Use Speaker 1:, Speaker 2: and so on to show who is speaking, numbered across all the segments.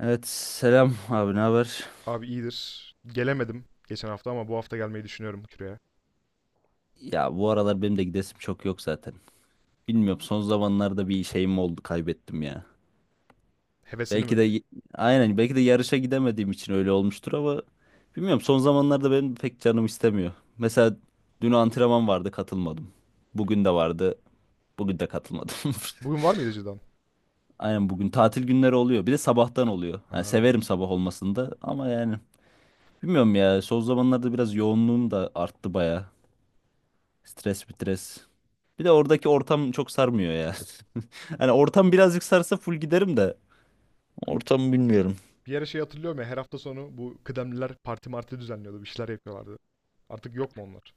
Speaker 1: Evet selam abi ne haber?
Speaker 2: Abi iyidir. Gelemedim geçen hafta ama bu hafta gelmeyi düşünüyorum küreye.
Speaker 1: Ya bu aralar benim de gidesim çok yok zaten. Bilmiyorum son zamanlarda bir şeyim oldu kaybettim ya.
Speaker 2: Hevesini
Speaker 1: Belki
Speaker 2: mi?
Speaker 1: de aynen belki de yarışa gidemediğim için öyle olmuştur ama bilmiyorum son zamanlarda benim pek canım istemiyor. Mesela dün antrenman vardı katılmadım. Bugün de vardı. Bugün de katılmadım.
Speaker 2: Bugün var mıydı cidden?
Speaker 1: Aynen bugün tatil günleri oluyor. Bir de sabahtan oluyor. Yani
Speaker 2: Ha.
Speaker 1: severim sabah olmasını da ama yani bilmiyorum ya son zamanlarda biraz yoğunluğum da arttı baya. Stres stres. Bir de oradaki ortam çok sarmıyor ya. Hani ortam birazcık sarsa full giderim de. Ortamı bilmiyorum.
Speaker 2: Bir ara şey hatırlıyorum ya, her hafta sonu bu kıdemliler parti marti düzenliyordu. Bir şeyler yapıyorlardı. Artık yok mu onlar?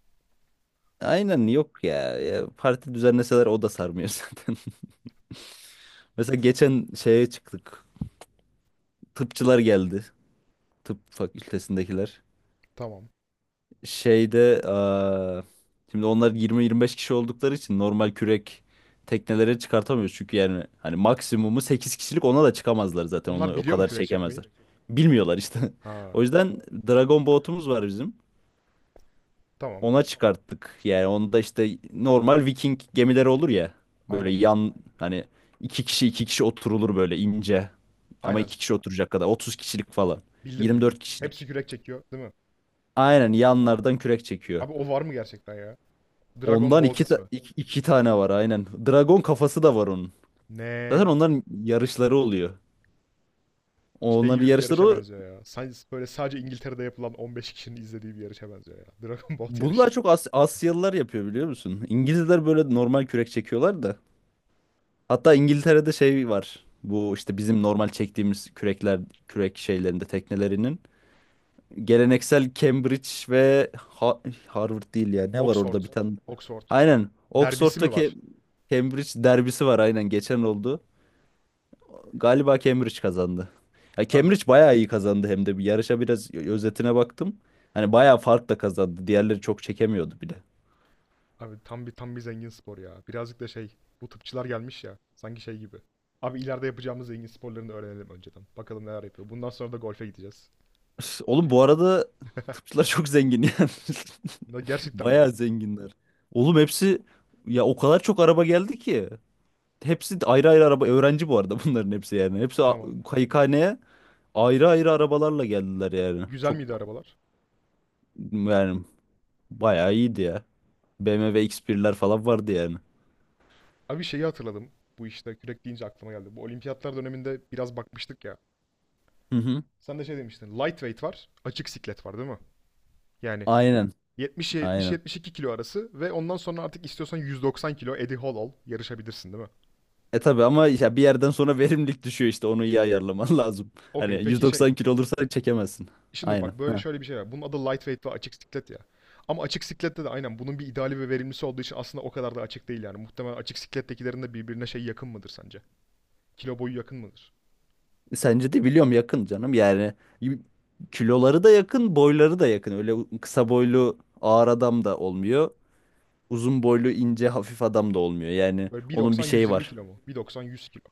Speaker 1: Aynen yok ya. Ya parti düzenleseler o da sarmıyor zaten. Mesela geçen şeye çıktık. Tıpçılar geldi. Tıp fakültesindekiler.
Speaker 2: Tamam.
Speaker 1: Şeyde şimdi onlar 20-25 kişi oldukları için normal kürek teknelere çıkartamıyoruz. Çünkü yani hani maksimumu 8 kişilik ona da çıkamazlar zaten.
Speaker 2: Onlar
Speaker 1: Onu o
Speaker 2: biliyor mu
Speaker 1: kadar
Speaker 2: kürek çekmeyi?
Speaker 1: çekemezler. Bilmiyorlar işte. O
Speaker 2: Ha.
Speaker 1: yüzden Dragon botumuz var bizim.
Speaker 2: Tamam.
Speaker 1: Ona çıkarttık. Yani onda işte normal Viking gemileri olur ya. Böyle
Speaker 2: Aynen.
Speaker 1: yan hani iki kişi iki kişi oturulur böyle ince. Ama
Speaker 2: Aynen.
Speaker 1: iki kişi oturacak kadar. 30 kişilik falan.
Speaker 2: Bildim
Speaker 1: yirmi
Speaker 2: bildim.
Speaker 1: dört kişilik.
Speaker 2: Hepsi kürek çekiyor değil mi?
Speaker 1: Aynen
Speaker 2: Tamam.
Speaker 1: yanlardan kürek çekiyor.
Speaker 2: Abi o var mı gerçekten ya? Dragon
Speaker 1: Ondan
Speaker 2: Boat
Speaker 1: iki, ta-
Speaker 2: ismi.
Speaker 1: iki, iki tane var aynen. Dragon kafası da var onun. Zaten
Speaker 2: Ne?
Speaker 1: onların yarışları oluyor.
Speaker 2: Şey
Speaker 1: Onların
Speaker 2: gibi bir
Speaker 1: yarışları
Speaker 2: yarışa
Speaker 1: oluyor.
Speaker 2: benziyor ya. Sadece, böyle sadece İngiltere'de yapılan 15 kişinin izlediği bir yarışa benziyor ya. Dragon Boat
Speaker 1: Bunu daha
Speaker 2: yarışı.
Speaker 1: çok Asyalılar yapıyor, biliyor musun? İngilizler böyle normal kürek çekiyorlar da. Hatta İngiltere'de şey var. Bu işte bizim normal çektiğimiz kürekler, kürek şeylerinde teknelerinin. Geleneksel Cambridge ve Harvard değil ya. Ne var
Speaker 2: Oxford.
Speaker 1: orada bir tane?
Speaker 2: Oxford.
Speaker 1: Aynen.
Speaker 2: Derbisi mi
Speaker 1: Oxford'daki
Speaker 2: var?
Speaker 1: Cambridge derbisi var aynen geçen oldu. Galiba Cambridge kazandı. Ya
Speaker 2: Abi
Speaker 1: Cambridge bayağı iyi kazandı hem de. Bir yarışa biraz özetine baktım. Hani bayağı fark da kazandı. Diğerleri çok çekemiyordu bile.
Speaker 2: Abi tam bir zengin spor ya. Birazcık da şey, bu tıpçılar gelmiş ya sanki şey gibi. Abi, ileride yapacağımız zengin sporlarını öğrenelim önceden. Bakalım neler yapıyor. Bundan sonra da golfe gideceğiz.
Speaker 1: Üf, oğlum, bu arada tıpçılar çok zengin yani.
Speaker 2: Ne, gerçekten mi?
Speaker 1: Bayağı zenginler. Oğlum hepsi ya o kadar çok araba geldi ki. Hepsi de ayrı ayrı araba. Öğrenci bu arada bunların hepsi yani. Hepsi
Speaker 2: Tamam.
Speaker 1: kayıkhaneye ayrı ayrı arabalarla geldiler yani.
Speaker 2: Güzel
Speaker 1: Çok
Speaker 2: miydi arabalar?
Speaker 1: yani bayağı iyiydi ya. BMW X1'ler falan vardı yani.
Speaker 2: Abi şeyi hatırladım. Bu işte kürek deyince aklıma geldi. Bu olimpiyatlar döneminde biraz bakmıştık ya.
Speaker 1: Hı hı.
Speaker 2: Sen de şey demiştin. Lightweight var. Açık siklet var değil mi? Yani
Speaker 1: Aynen.
Speaker 2: 70'e
Speaker 1: Aynen.
Speaker 2: 70-72 kilo arası ve ondan sonra artık istiyorsan 190 kilo Eddie Hall ol. Yarışabilirsin değil mi?
Speaker 1: E tabii ama ya bir yerden sonra verimlilik düşüyor işte onu iyi ayarlaman lazım. Hani
Speaker 2: Okey, peki şey,
Speaker 1: 190 kilo olursa çekemezsin.
Speaker 2: şimdi
Speaker 1: Aynen.
Speaker 2: bak, böyle
Speaker 1: Ha.
Speaker 2: şöyle bir şey var. Bunun adı lightweight ve açık siklet ya. Ama açık siklette de aynen bunun bir ideali ve verimlisi olduğu için aslında o kadar da açık değil yani. Muhtemelen açık siklettekilerin de birbirine şey, yakın mıdır sence? Kilo boyu yakın mıdır?
Speaker 1: E, sence de biliyorum yakın canım yani y- kiloları da yakın, boyları da yakın. Öyle kısa boylu ağır adam da olmuyor. Uzun boylu ince hafif adam da olmuyor. Yani
Speaker 2: Böyle bir
Speaker 1: onun bir
Speaker 2: doksan yüz
Speaker 1: şeyi
Speaker 2: yirmi
Speaker 1: var.
Speaker 2: kilo mu? Bir doksan yüz kilo.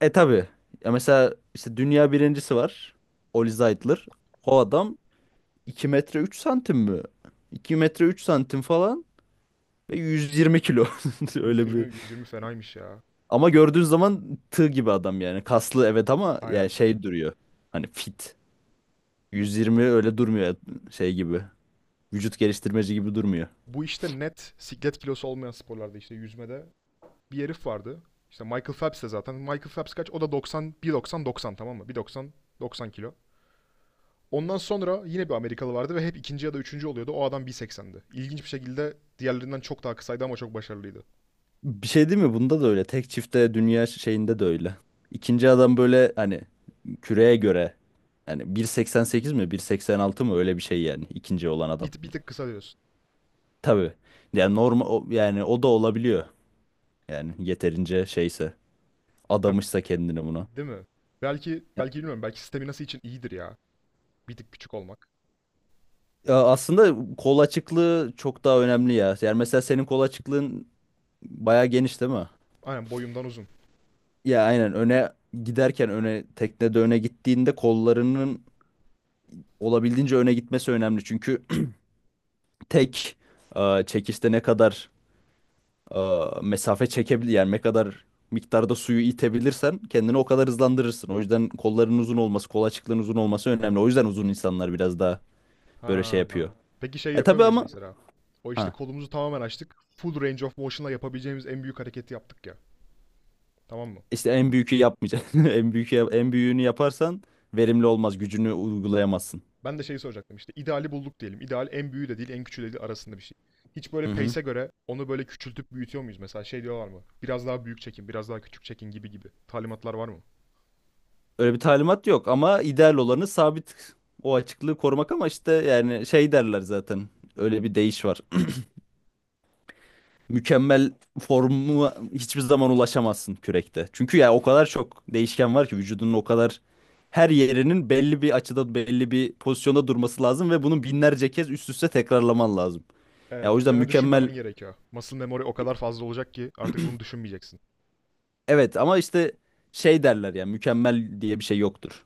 Speaker 1: E tabii. Ya mesela işte dünya birincisi var. Oli Zeitler. O adam 2 metre 3 santim mi? 2 metre 3 santim falan ve 120 kilo.
Speaker 2: Yüz
Speaker 1: Öyle
Speaker 2: yirmi
Speaker 1: bir
Speaker 2: yüz yirmi fenaymış ya.
Speaker 1: Ama gördüğün zaman tığ gibi adam yani. Kaslı evet ama yani
Speaker 2: Aynen.
Speaker 1: şey duruyor. Hani fit. 120 öyle durmuyor şey gibi. Vücut geliştirmeci gibi durmuyor.
Speaker 2: Bu işte net siklet kilosu olmayan sporlarda, işte yüzmede bir herif vardı. İşte Michael Phelps de zaten. Michael Phelps kaç? O da doksan, bir doksan doksan tamam mı? Bir doksan doksan kilo. Ondan sonra yine bir Amerikalı vardı ve hep ikinci ya da üçüncü oluyordu. O adam 1.80'di. İlginç bir şekilde diğerlerinden çok daha kısaydı ama çok başarılıydı.
Speaker 1: Bir şey değil mi? Bunda da öyle. Tek çifte dünya şeyinde de öyle. İkinci adam böyle hani küreye göre yani 1.88 mi 1.86 mı öyle bir şey yani ikinci olan adam.
Speaker 2: Bir tık kısa diyorsun.
Speaker 1: Tabii. Yani normal yani o da olabiliyor. Yani yeterince şeyse
Speaker 2: Ya,
Speaker 1: adamışsa kendini buna.
Speaker 2: değil mi? Belki, belki bilmiyorum. Belki sistemi nasıl için iyidir ya. Bir tık küçük olmak.
Speaker 1: Ya aslında kol açıklığı çok daha önemli ya. Yani mesela senin kol açıklığın bayağı geniş değil mi?
Speaker 2: Aynen, boyumdan uzun.
Speaker 1: Ya aynen öne giderken öne teknede öne gittiğinde kollarının olabildiğince öne gitmesi önemli. Çünkü tek çekişte ne kadar e, mesafe çekebilir yani ne kadar miktarda suyu itebilirsen kendini o kadar hızlandırırsın. O yüzden kolların uzun olması, kol açıklığın uzun olması önemli. O yüzden uzun insanlar biraz daha böyle şey
Speaker 2: Ha.
Speaker 1: yapıyor.
Speaker 2: Peki şey
Speaker 1: E
Speaker 2: yapıyor
Speaker 1: tabii
Speaker 2: muyuz
Speaker 1: ama
Speaker 2: mesela? O işte
Speaker 1: ha.
Speaker 2: kolumuzu tamamen açtık. Full range of motion'la yapabileceğimiz en büyük hareketi yaptık ya. Tamam mı?
Speaker 1: İşte en büyükü yapmayacaksın. En büyüğünü yaparsan verimli olmaz. Gücünü uygulayamazsın.
Speaker 2: Ben de şeyi soracaktım, işte ideali bulduk diyelim. İdeal en büyüğü de değil, en küçüğü de değil, arasında bir şey. Hiç
Speaker 1: Hı
Speaker 2: böyle
Speaker 1: hı.
Speaker 2: pace'e göre onu böyle küçültüp büyütüyor muyuz? Mesela şey diyorlar mı? Biraz daha büyük çekin, biraz daha küçük çekin gibi gibi. Talimatlar var mı?
Speaker 1: Öyle bir talimat yok ama ideal olanı sabit o açıklığı korumak ama işte yani şey derler zaten. Öyle bir deyiş var. Mükemmel formu hiçbir zaman ulaşamazsın kürekte. Çünkü ya o kadar çok değişken var ki vücudunun o kadar her yerinin belli bir açıda belli bir pozisyonda durması lazım ve bunu binlerce kez üst üste tekrarlaman lazım. Ya o
Speaker 2: Evet,
Speaker 1: yüzden
Speaker 2: üzerine düşünmemen
Speaker 1: mükemmel
Speaker 2: gerekiyor. Muscle memory o kadar fazla olacak ki artık bunu düşünmeyeceksin.
Speaker 1: Evet ama işte şey derler ya mükemmel diye bir şey yoktur.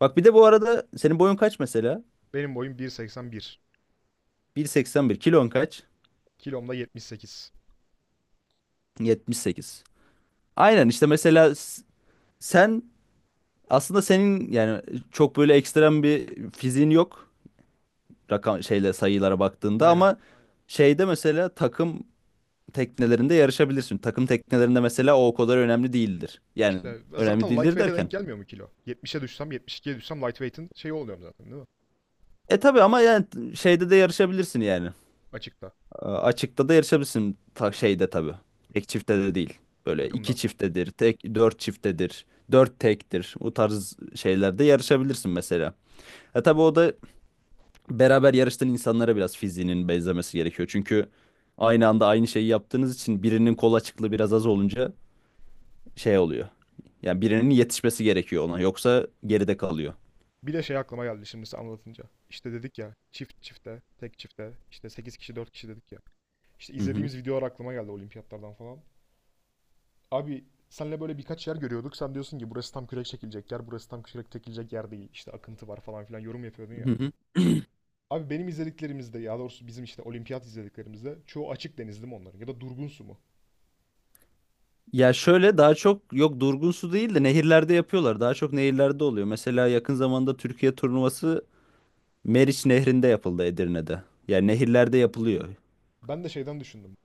Speaker 1: Bak bir de bu arada senin boyun kaç mesela?
Speaker 2: Benim boyum 1.81.
Speaker 1: 1.81 kilon kaç?
Speaker 2: Kilom da 78.
Speaker 1: 78. Aynen işte mesela sen aslında senin yani çok böyle ekstrem bir fiziğin yok rakam şeyle sayılara baktığında
Speaker 2: Aynen.
Speaker 1: ama şeyde mesela takım teknelerinde yarışabilirsin. Takım teknelerinde mesela o kadar önemli değildir. Yani
Speaker 2: İşte
Speaker 1: önemli
Speaker 2: zaten
Speaker 1: değildir
Speaker 2: lightweight'e
Speaker 1: derken.
Speaker 2: denk gelmiyor mu kilo? 70'e düşsem, 72'ye düşsem lightweight'in şeyi oluyorum zaten değil mi?
Speaker 1: E tabii ama yani şeyde de yarışabilirsin yani.
Speaker 2: Açıkta,
Speaker 1: E, açıkta da yarışabilirsin ta şeyde tabii. Tek çiftte de değil. Böyle iki
Speaker 2: takımda.
Speaker 1: çiftedir, tek dört çiftedir, dört tektir. Bu tarz şeylerde yarışabilirsin mesela. Ha tabii o da beraber yarıştığın insanlara biraz fiziğinin benzemesi gerekiyor. Çünkü aynı anda aynı şeyi yaptığınız için birinin kol açıklığı biraz az olunca şey oluyor. Yani birinin yetişmesi gerekiyor ona. Yoksa geride kalıyor.
Speaker 2: Bir de şey aklıma geldi şimdi size anlatınca. İşte dedik ya, çift çifte, tek çifte, işte 8 kişi 4 kişi dedik ya. İşte
Speaker 1: Hı
Speaker 2: izlediğimiz videolar aklıma geldi olimpiyatlardan falan. Abi senle böyle birkaç yer görüyorduk. Sen diyorsun ki burası tam kürek çekilecek yer, burası tam kürek çekilecek yer değil. İşte akıntı var falan filan yorum yapıyordun ya.
Speaker 1: hı.
Speaker 2: Abi benim izlediklerimizde, ya doğrusu bizim işte olimpiyat izlediklerimizde çoğu açık deniz mi onların, ya da durgun su mu?
Speaker 1: Ya şöyle daha çok yok durgun su değil de nehirlerde yapıyorlar. Daha çok nehirlerde oluyor. Mesela yakın zamanda Türkiye turnuvası Meriç Nehri'nde yapıldı Edirne'de. Yani nehirlerde yapılıyor.
Speaker 2: Ben de şeyden düşündüm.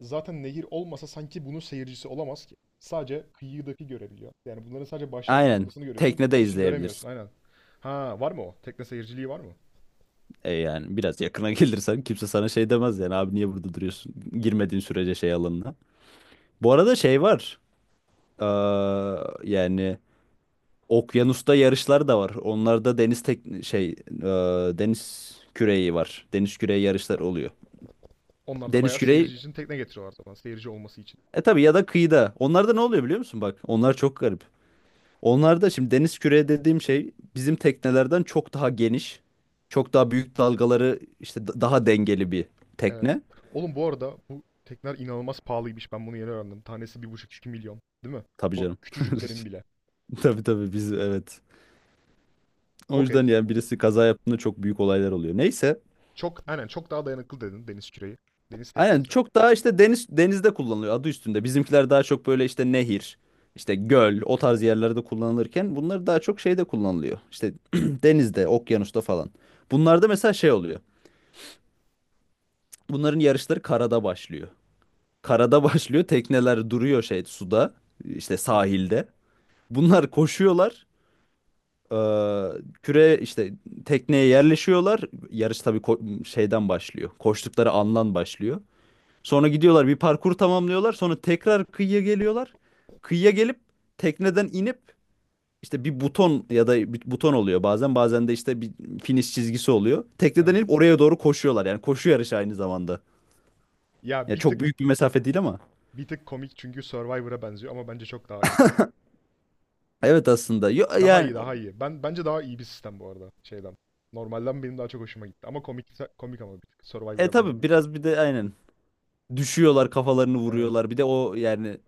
Speaker 2: Zaten nehir olmasa sanki bunun seyircisi olamaz ki. Sadece kıyıdaki görebiliyor. Yani bunların sadece başlangıç
Speaker 1: Aynen.
Speaker 2: noktasını görüyorsun.
Speaker 1: Teknede
Speaker 2: Bitişi
Speaker 1: izleyebilirsin.
Speaker 2: göremiyorsun aynen. Ha, var mı o? Tekne seyirciliği var mı?
Speaker 1: E yani biraz yakına gelirsen kimse sana şey demez yani abi niye burada duruyorsun? Girmediğin sürece şey alanına. Bu arada şey var. Ee, yani okyanusta yarışlar da var. Onlarda deniz tek şey deniz küreği var. Deniz küreği yarışlar oluyor.
Speaker 2: Onlar da
Speaker 1: Deniz
Speaker 2: bayağı
Speaker 1: küreği.
Speaker 2: seyirci için tekne getiriyorlar zaman. Seyirci olması için.
Speaker 1: E tabii ya da kıyıda. Onlarda ne oluyor biliyor musun bak? Onlar çok garip. Onlarda şimdi deniz küreği dediğim şey bizim teknelerden çok daha geniş. Çok daha büyük dalgaları işte daha dengeli bir
Speaker 2: Evet.
Speaker 1: tekne.
Speaker 2: Oğlum, bu arada bu tekneler inanılmaz pahalıymış. Ben bunu yeni öğrendim. Tanesi 1,5-2 milyon. Değil mi?
Speaker 1: Tabii
Speaker 2: O
Speaker 1: canım.
Speaker 2: küçücüklerin bile.
Speaker 1: Tabii tabii biz evet. O yüzden
Speaker 2: Okey.
Speaker 1: yani birisi kaza yaptığında çok büyük olaylar oluyor. Neyse.
Speaker 2: Çok aynen, çok daha dayanıklı dedin deniz küreği. Deniz
Speaker 1: Aynen
Speaker 2: teknesi.
Speaker 1: çok daha işte denizde kullanılıyor adı üstünde. Bizimkiler daha çok böyle işte nehir, işte göl o tarz yerlerde kullanılırken bunlar daha çok şeyde kullanılıyor. İşte denizde, okyanusta falan. Bunlarda mesela şey oluyor. Bunların yarışları karada başlıyor. Karada başlıyor. Tekneler duruyor şey suda, işte
Speaker 2: Tamam.
Speaker 1: sahilde. Bunlar koşuyorlar. Ee, küre işte tekneye yerleşiyorlar. Yarış tabii şeyden başlıyor. Koştukları andan başlıyor. Sonra gidiyorlar bir parkur tamamlıyorlar. Sonra tekrar kıyıya geliyorlar. Kıyıya gelip tekneden inip işte bir buton ya da bir buton oluyor bazen de işte bir finish çizgisi oluyor. Tekneden
Speaker 2: Evet.
Speaker 1: inip oraya doğru koşuyorlar. Yani koşu yarışı aynı zamanda.
Speaker 2: Ya
Speaker 1: Ya
Speaker 2: bir
Speaker 1: çok
Speaker 2: tık,
Speaker 1: büyük bir mesafe değil ama.
Speaker 2: bir tık komik çünkü Survivor'a benziyor ama bence çok daha iyi.
Speaker 1: Evet aslında. Yo,
Speaker 2: Daha
Speaker 1: yani
Speaker 2: iyi, daha iyi. Ben, bence daha iyi bir sistem bu arada şeyden. Normalden benim daha çok hoşuma gitti ama komik, komik ama bir tık
Speaker 1: e
Speaker 2: Survivor'a
Speaker 1: tabii
Speaker 2: benzediği için.
Speaker 1: biraz bir de aynen düşüyorlar kafalarını
Speaker 2: Evet,
Speaker 1: vuruyorlar. Bir de o yani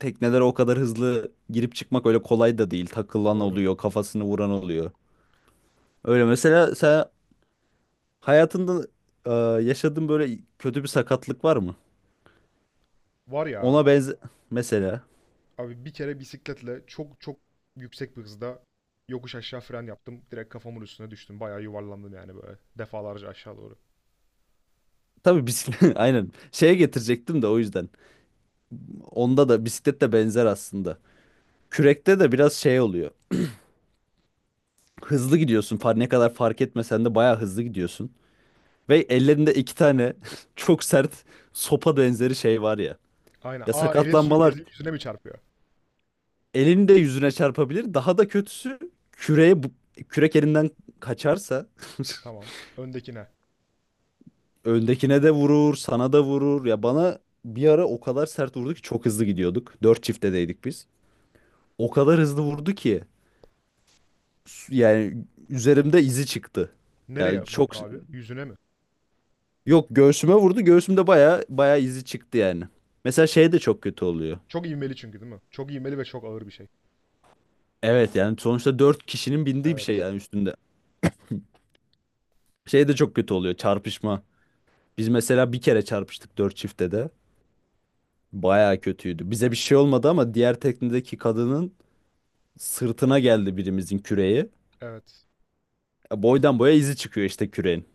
Speaker 1: teknelere o kadar hızlı girip çıkmak öyle kolay da değil. Takılan
Speaker 2: doğru.
Speaker 1: oluyor, kafasını vuran oluyor. Öyle mesela sen hayatında e, yaşadığın böyle kötü bir sakatlık var mı?
Speaker 2: Var ya,
Speaker 1: Ona benze mesela.
Speaker 2: abi bir kere bisikletle çok çok yüksek bir hızda yokuş aşağı fren yaptım. Direkt kafamın üstüne düştüm. Bayağı yuvarlandım yani, böyle defalarca aşağı doğru.
Speaker 1: Tabii bisiklet aynen şeye getirecektim de o yüzden. Onda da bisiklet de benzer aslında. Kürekte de biraz şey oluyor. Hızlı gidiyorsun. Ne kadar fark etmesen de bayağı hızlı gidiyorsun. Ve ellerinde iki tane çok sert sopa benzeri şey var ya.
Speaker 2: Aynen.
Speaker 1: Ya
Speaker 2: Aa, elin su
Speaker 1: sakatlanmalar
Speaker 2: ezil yüzüne mi çarpıyor?
Speaker 1: elini de yüzüne çarpabilir. Daha da kötüsü küreğe bu- kürek elinden kaçarsa
Speaker 2: Tamam. Öndekine.
Speaker 1: öndekine de vurur, sana da vurur. Ya bana bir ara o kadar sert vurdu ki çok hızlı gidiyorduk. Dört çiftedeydik biz. O kadar hızlı vurdu ki yani üzerimde izi çıktı.
Speaker 2: Nereye
Speaker 1: Yani çok
Speaker 2: vurdu abi? Yüzüne mi?
Speaker 1: yok göğsüme vurdu. Göğsümde baya baya izi çıktı yani. Mesela şey de çok kötü oluyor.
Speaker 2: Çok ivmeli çünkü değil mi? Çok ivmeli ve çok ağır bir şey.
Speaker 1: Evet yani sonuçta dört kişinin bindiği bir şey
Speaker 2: Evet.
Speaker 1: yani üstünde. Şey de çok kötü oluyor çarpışma. Biz mesela bir kere çarpıştık dört çiftte de. Bayağı kötüydü. Bize bir şey olmadı ama diğer teknedeki kadının sırtına geldi birimizin küreği.
Speaker 2: Evet.
Speaker 1: E, boydan boya izi çıkıyor işte küreğin.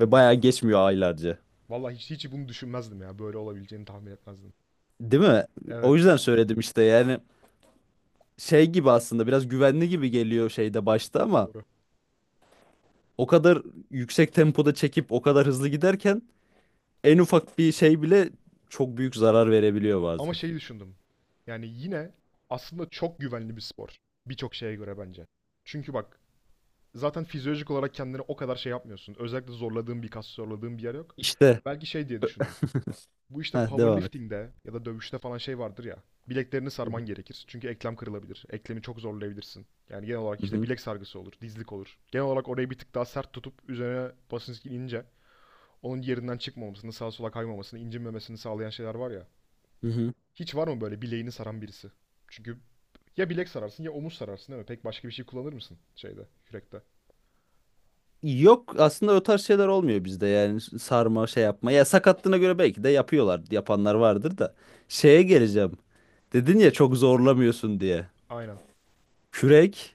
Speaker 1: Ve bayağı geçmiyor aylarca.
Speaker 2: Vallahi hiç bunu düşünmezdim ya. Böyle olabileceğini tahmin etmezdim.
Speaker 1: Değil mi? O
Speaker 2: Evet.
Speaker 1: yüzden söyledim işte yani şey gibi aslında biraz güvenli gibi geliyor şeyde başta ama
Speaker 2: Doğru.
Speaker 1: o kadar yüksek tempoda çekip o kadar hızlı giderken en ufak bir şey bile çok büyük zarar verebiliyor
Speaker 2: Ama
Speaker 1: bazen.
Speaker 2: şeyi düşündüm. Yani yine aslında çok güvenli bir spor. Birçok şeye göre bence. Çünkü bak, zaten fizyolojik olarak kendini o kadar şey yapmıyorsun. Özellikle zorladığın bir kas, zorladığın bir yer yok.
Speaker 1: İşte.
Speaker 2: Belki şey diye düşündüm. Bu işte
Speaker 1: Ha, devam et.
Speaker 2: powerlifting'de ya da dövüşte falan şey vardır ya. Bileklerini
Speaker 1: Hı
Speaker 2: sarman
Speaker 1: hı.
Speaker 2: gerekir. Çünkü eklem kırılabilir. Eklemi çok zorlayabilirsin. Yani genel olarak
Speaker 1: Hı
Speaker 2: işte
Speaker 1: hı.
Speaker 2: bilek sargısı olur, dizlik olur. Genel olarak orayı bir tık daha sert tutup üzerine basınç inince onun yerinden çıkmamasını, sağa sola kaymamasını, incinmemesini sağlayan şeyler var ya.
Speaker 1: Hı hı.
Speaker 2: Hiç var mı böyle bileğini saran birisi? Çünkü ya bilek sararsın, ya omuz sararsın değil mi? Pek başka bir şey kullanır mısın şeyde, kürekte?
Speaker 1: Yok aslında o tarz şeyler olmuyor bizde yani sarma şey yapma. Ya sakatlığına göre belki de yapıyorlar. Yapanlar vardır da. Şeye geleceğim. Dedin ya çok zorlamıyorsun diye.
Speaker 2: Aynen.
Speaker 1: Kürek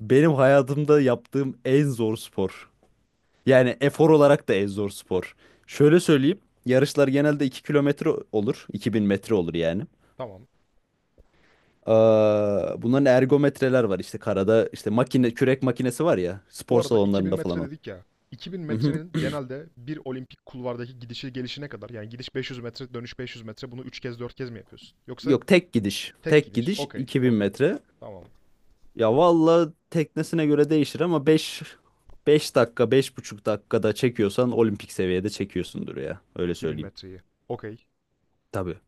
Speaker 1: benim hayatımda yaptığım en zor spor. Yani efor olarak da en zor spor. Şöyle söyleyeyim. Yarışlar genelde 2 kilometre olur. 2000 metre olur yani.
Speaker 2: Tamam.
Speaker 1: Ee, bunların ergometreler var işte karada. İşte makine kürek makinesi var ya
Speaker 2: Bu
Speaker 1: spor
Speaker 2: arada 2000
Speaker 1: salonlarında
Speaker 2: metre
Speaker 1: falan.
Speaker 2: dedik ya. 2000 metrenin genelde bir olimpik kulvardaki gidişi gelişine kadar, yani gidiş 500 metre, dönüş 500 metre, bunu üç kez dört kez mi yapıyorsun? Yoksa
Speaker 1: Yok tek gidiş.
Speaker 2: tek
Speaker 1: Tek
Speaker 2: gidiş.
Speaker 1: gidiş
Speaker 2: Okey,
Speaker 1: 2000
Speaker 2: okey.
Speaker 1: metre.
Speaker 2: Tamam.
Speaker 1: Ya valla teknesine göre değişir ama 5 5 dakika 5,5 dakikada çekiyorsan olimpik seviyede çekiyorsundur ya. Öyle
Speaker 2: 2000
Speaker 1: söyleyeyim.
Speaker 2: metreyi. Okey.
Speaker 1: Tabii.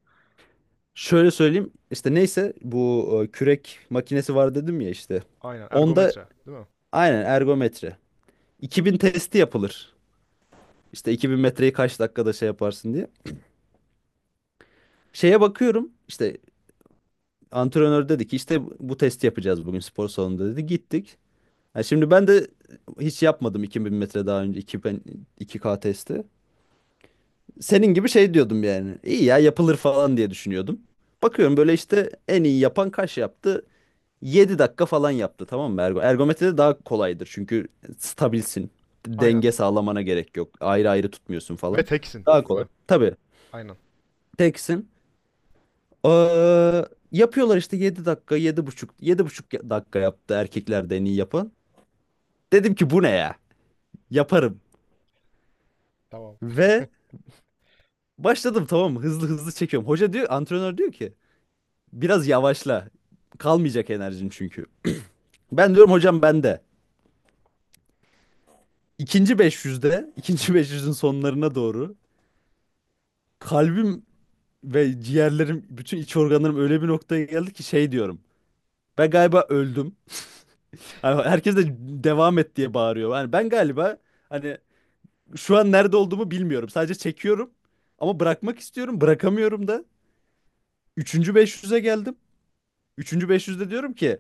Speaker 1: Şöyle söyleyeyim işte neyse bu kürek makinesi var dedim ya işte.
Speaker 2: Aynen.
Speaker 1: Onda
Speaker 2: Ergometre, değil mi?
Speaker 1: aynen ergometre. 2000 testi yapılır. İşte 2000 metreyi kaç dakikada şey yaparsın diye. Şeye bakıyorum işte antrenör dedi ki işte bu testi yapacağız bugün spor salonunda dedi. Gittik. Ha, şimdi ben de hiç yapmadım 2000 metre daha önce 2000, iki k testi. Senin gibi şey diyordum yani. İyi ya yapılır falan diye düşünüyordum. Bakıyorum böyle işte en iyi yapan kaç yaptı? 7 dakika falan yaptı, tamam mı? Ergometrede daha kolaydır çünkü stabilsin.
Speaker 2: Aynen.
Speaker 1: Denge sağlamana gerek yok. Ayrı ayrı tutmuyorsun
Speaker 2: Ve
Speaker 1: falan.
Speaker 2: teksin,
Speaker 1: Daha
Speaker 2: değil
Speaker 1: kolay.
Speaker 2: mi?
Speaker 1: Tabii
Speaker 2: Aynen.
Speaker 1: teksin. Ee, yapıyorlar işte 7 dakika, yedi buçuk dakika yaptı erkeklerde en iyi yapan. Dedim ki bu ne ya? Yaparım.
Speaker 2: Tamam.
Speaker 1: Ve başladım, tamam mı? Hızlı hızlı çekiyorum. Hoca diyor, antrenör diyor ki biraz yavaşla. Kalmayacak enerjin çünkü. Ben diyorum hocam bende. İkinci 500'de, ikinci 500'ün sonlarına doğru kalbim ve ciğerlerim, bütün iç organlarım öyle bir noktaya geldi ki şey diyorum. Ben galiba öldüm. Hani herkes de devam et diye bağırıyor. Hani ben galiba hani şu an nerede olduğumu bilmiyorum. Sadece çekiyorum ama bırakmak istiyorum. Bırakamıyorum da. Üçüncü 500'e geldim. Üçüncü 500'de diyorum ki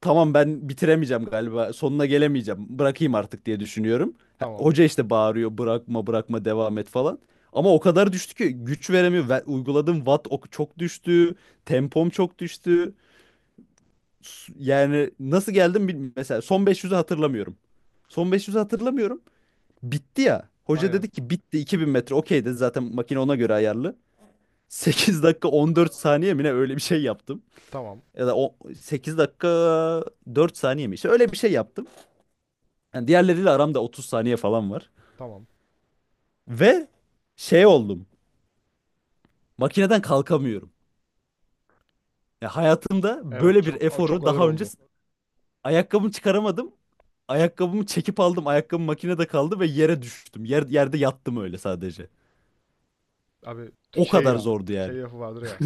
Speaker 1: tamam ben bitiremeyeceğim galiba sonuna gelemeyeceğim bırakayım artık diye düşünüyorum. Ha,
Speaker 2: Tamam.
Speaker 1: hoca işte bağırıyor bırakma bırakma devam et falan. Ama o kadar düştü ki güç veremiyor. Ve uyguladığım watt çok düştü. Tempom çok düştü. Yani nasıl geldim bilmiyorum. Mesela son beş yüzü hatırlamıyorum. Son beş yüzü hatırlamıyorum. Bitti ya. Hoca
Speaker 2: Aynen.
Speaker 1: dedi ki bitti 2000 metre. Okey dedi zaten makine ona göre ayarlı. 8 dakika 14 saniye mi ne öyle bir şey yaptım.
Speaker 2: Tamam.
Speaker 1: Ya da o 8 dakika 4 saniye mi? İşte öyle bir şey yaptım. Yani diğerleriyle aramda 30 saniye falan var.
Speaker 2: Tamam.
Speaker 1: Ve şey oldum. Makineden kalkamıyorum. Ya hayatımda
Speaker 2: Evet,
Speaker 1: böyle bir
Speaker 2: çok çok
Speaker 1: eforu
Speaker 2: ağır
Speaker 1: daha önce
Speaker 2: oldu.
Speaker 1: ayakkabımı çıkaramadım. Ayakkabımı çekip aldım. Ayakkabım makinede kaldı ve yere düştüm. Yerde yattım öyle sadece.
Speaker 2: Abi
Speaker 1: O
Speaker 2: şey
Speaker 1: kadar
Speaker 2: ya,
Speaker 1: zordu yani.
Speaker 2: şey lafı vardır ya.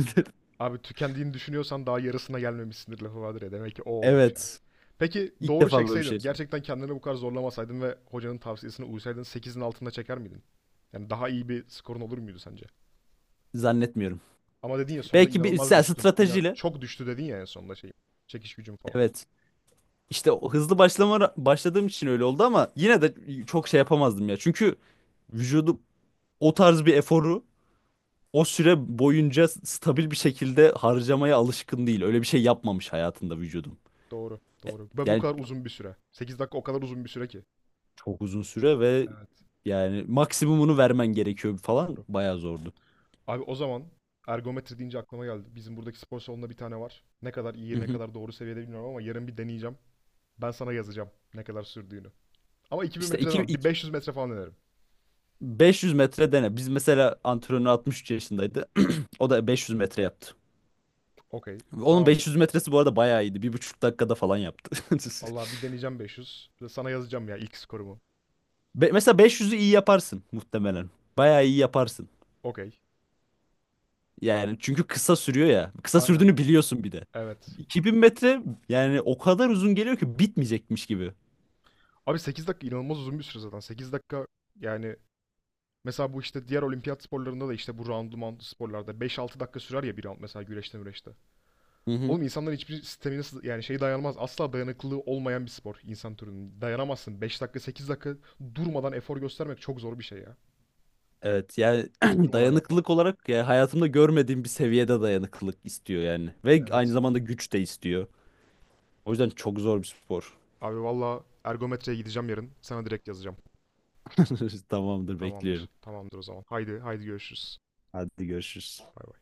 Speaker 2: Abi tükendiğini düşünüyorsan daha yarısına gelmemişsindir lafı vardır ya. Demek ki o olmuş ya.
Speaker 1: Evet.
Speaker 2: Peki
Speaker 1: İlk
Speaker 2: doğru
Speaker 1: defa böyle bir
Speaker 2: çekseydin,
Speaker 1: şey.
Speaker 2: gerçekten kendini bu kadar zorlamasaydın ve hocanın tavsiyesine uysaydın sekizin altında çeker miydin? Yani daha iyi bir skorun olur muydu sence?
Speaker 1: Zannetmiyorum.
Speaker 2: Ama dedin ya, sonunda
Speaker 1: Belki bir
Speaker 2: inanılmaz
Speaker 1: sen
Speaker 2: düştün.
Speaker 1: stratejiyle.
Speaker 2: Çok düştü dedin ya en sonunda şey. Çekiş gücüm falan.
Speaker 1: Evet. İşte o hızlı başladığım için öyle oldu ama yine de çok şey yapamazdım ya. Çünkü vücudum o tarz bir eforu o süre boyunca stabil bir şekilde harcamaya alışkın değil. Öyle bir şey yapmamış hayatında vücudum.
Speaker 2: Doğru, doğru. Ve bu
Speaker 1: Yani
Speaker 2: kadar uzun bir süre. 8 dakika o kadar uzun bir süre ki.
Speaker 1: çok uzun süre ve
Speaker 2: Evet,
Speaker 1: yani maksimumunu vermen gerekiyor falan
Speaker 2: doğru.
Speaker 1: bayağı zordu.
Speaker 2: Abi o zaman ergometre deyince aklıma geldi. Bizim buradaki spor salonunda bir tane var. Ne kadar
Speaker 1: Hı
Speaker 2: iyi, ne
Speaker 1: hı.
Speaker 2: kadar doğru seviyede bilmiyorum ama yarın bir deneyeceğim. Ben sana yazacağım ne kadar sürdüğünü. Ama 2000
Speaker 1: İşte
Speaker 2: metre
Speaker 1: 2,
Speaker 2: demem. Bir 500 metre falan denerim.
Speaker 1: 500 metre dene. Biz mesela antrenör 63 yaşındaydı. O da 500 metre yaptı.
Speaker 2: Okey.
Speaker 1: Onun
Speaker 2: Tamam.
Speaker 1: 500 metresi bu arada bayağı iyiydi. 1,5 dakikada falan yaptı.
Speaker 2: Vallahi bir deneyeceğim 500. Bir de sana yazacağım ya ilk skorumu.
Speaker 1: Mesela 500'ü iyi yaparsın muhtemelen. Bayağı iyi yaparsın.
Speaker 2: Okey.
Speaker 1: Yani çünkü kısa sürüyor ya. Kısa
Speaker 2: Aynen.
Speaker 1: sürdüğünü biliyorsun bir de.
Speaker 2: Evet.
Speaker 1: 2000 metre yani o kadar uzun geliyor ki bitmeyecekmiş gibi.
Speaker 2: Abi 8 dakika inanılmaz uzun bir süre zaten. 8 dakika yani, mesela bu işte diğer olimpiyat sporlarında da, işte bu roundlu mountlu sporlarda 5-6 dakika sürer ya bir round, mesela güreşte müreşte.
Speaker 1: Hı hı.
Speaker 2: Oğlum insanlar hiçbir yani şey dayanmaz. Asla dayanıklılığı olmayan bir spor insan türünün. Dayanamazsın. 5 dakika, 8 dakika durmadan efor göstermek çok zor bir şey ya.
Speaker 1: Evet yani
Speaker 2: Hiç durmadan yapmak.
Speaker 1: dayanıklılık olarak ya hayatımda görmediğim bir seviyede dayanıklılık istiyor yani. Ve aynı
Speaker 2: Evet.
Speaker 1: zamanda güç de istiyor. O yüzden çok zor bir spor.
Speaker 2: Abi valla ergometreye gideceğim yarın. Sana direkt yazacağım.
Speaker 1: Tamamdır
Speaker 2: Tamamdır.
Speaker 1: bekliyorum.
Speaker 2: Tamamdır o zaman. Haydi haydi görüşürüz.
Speaker 1: Hadi görüşürüz.
Speaker 2: Bay bay.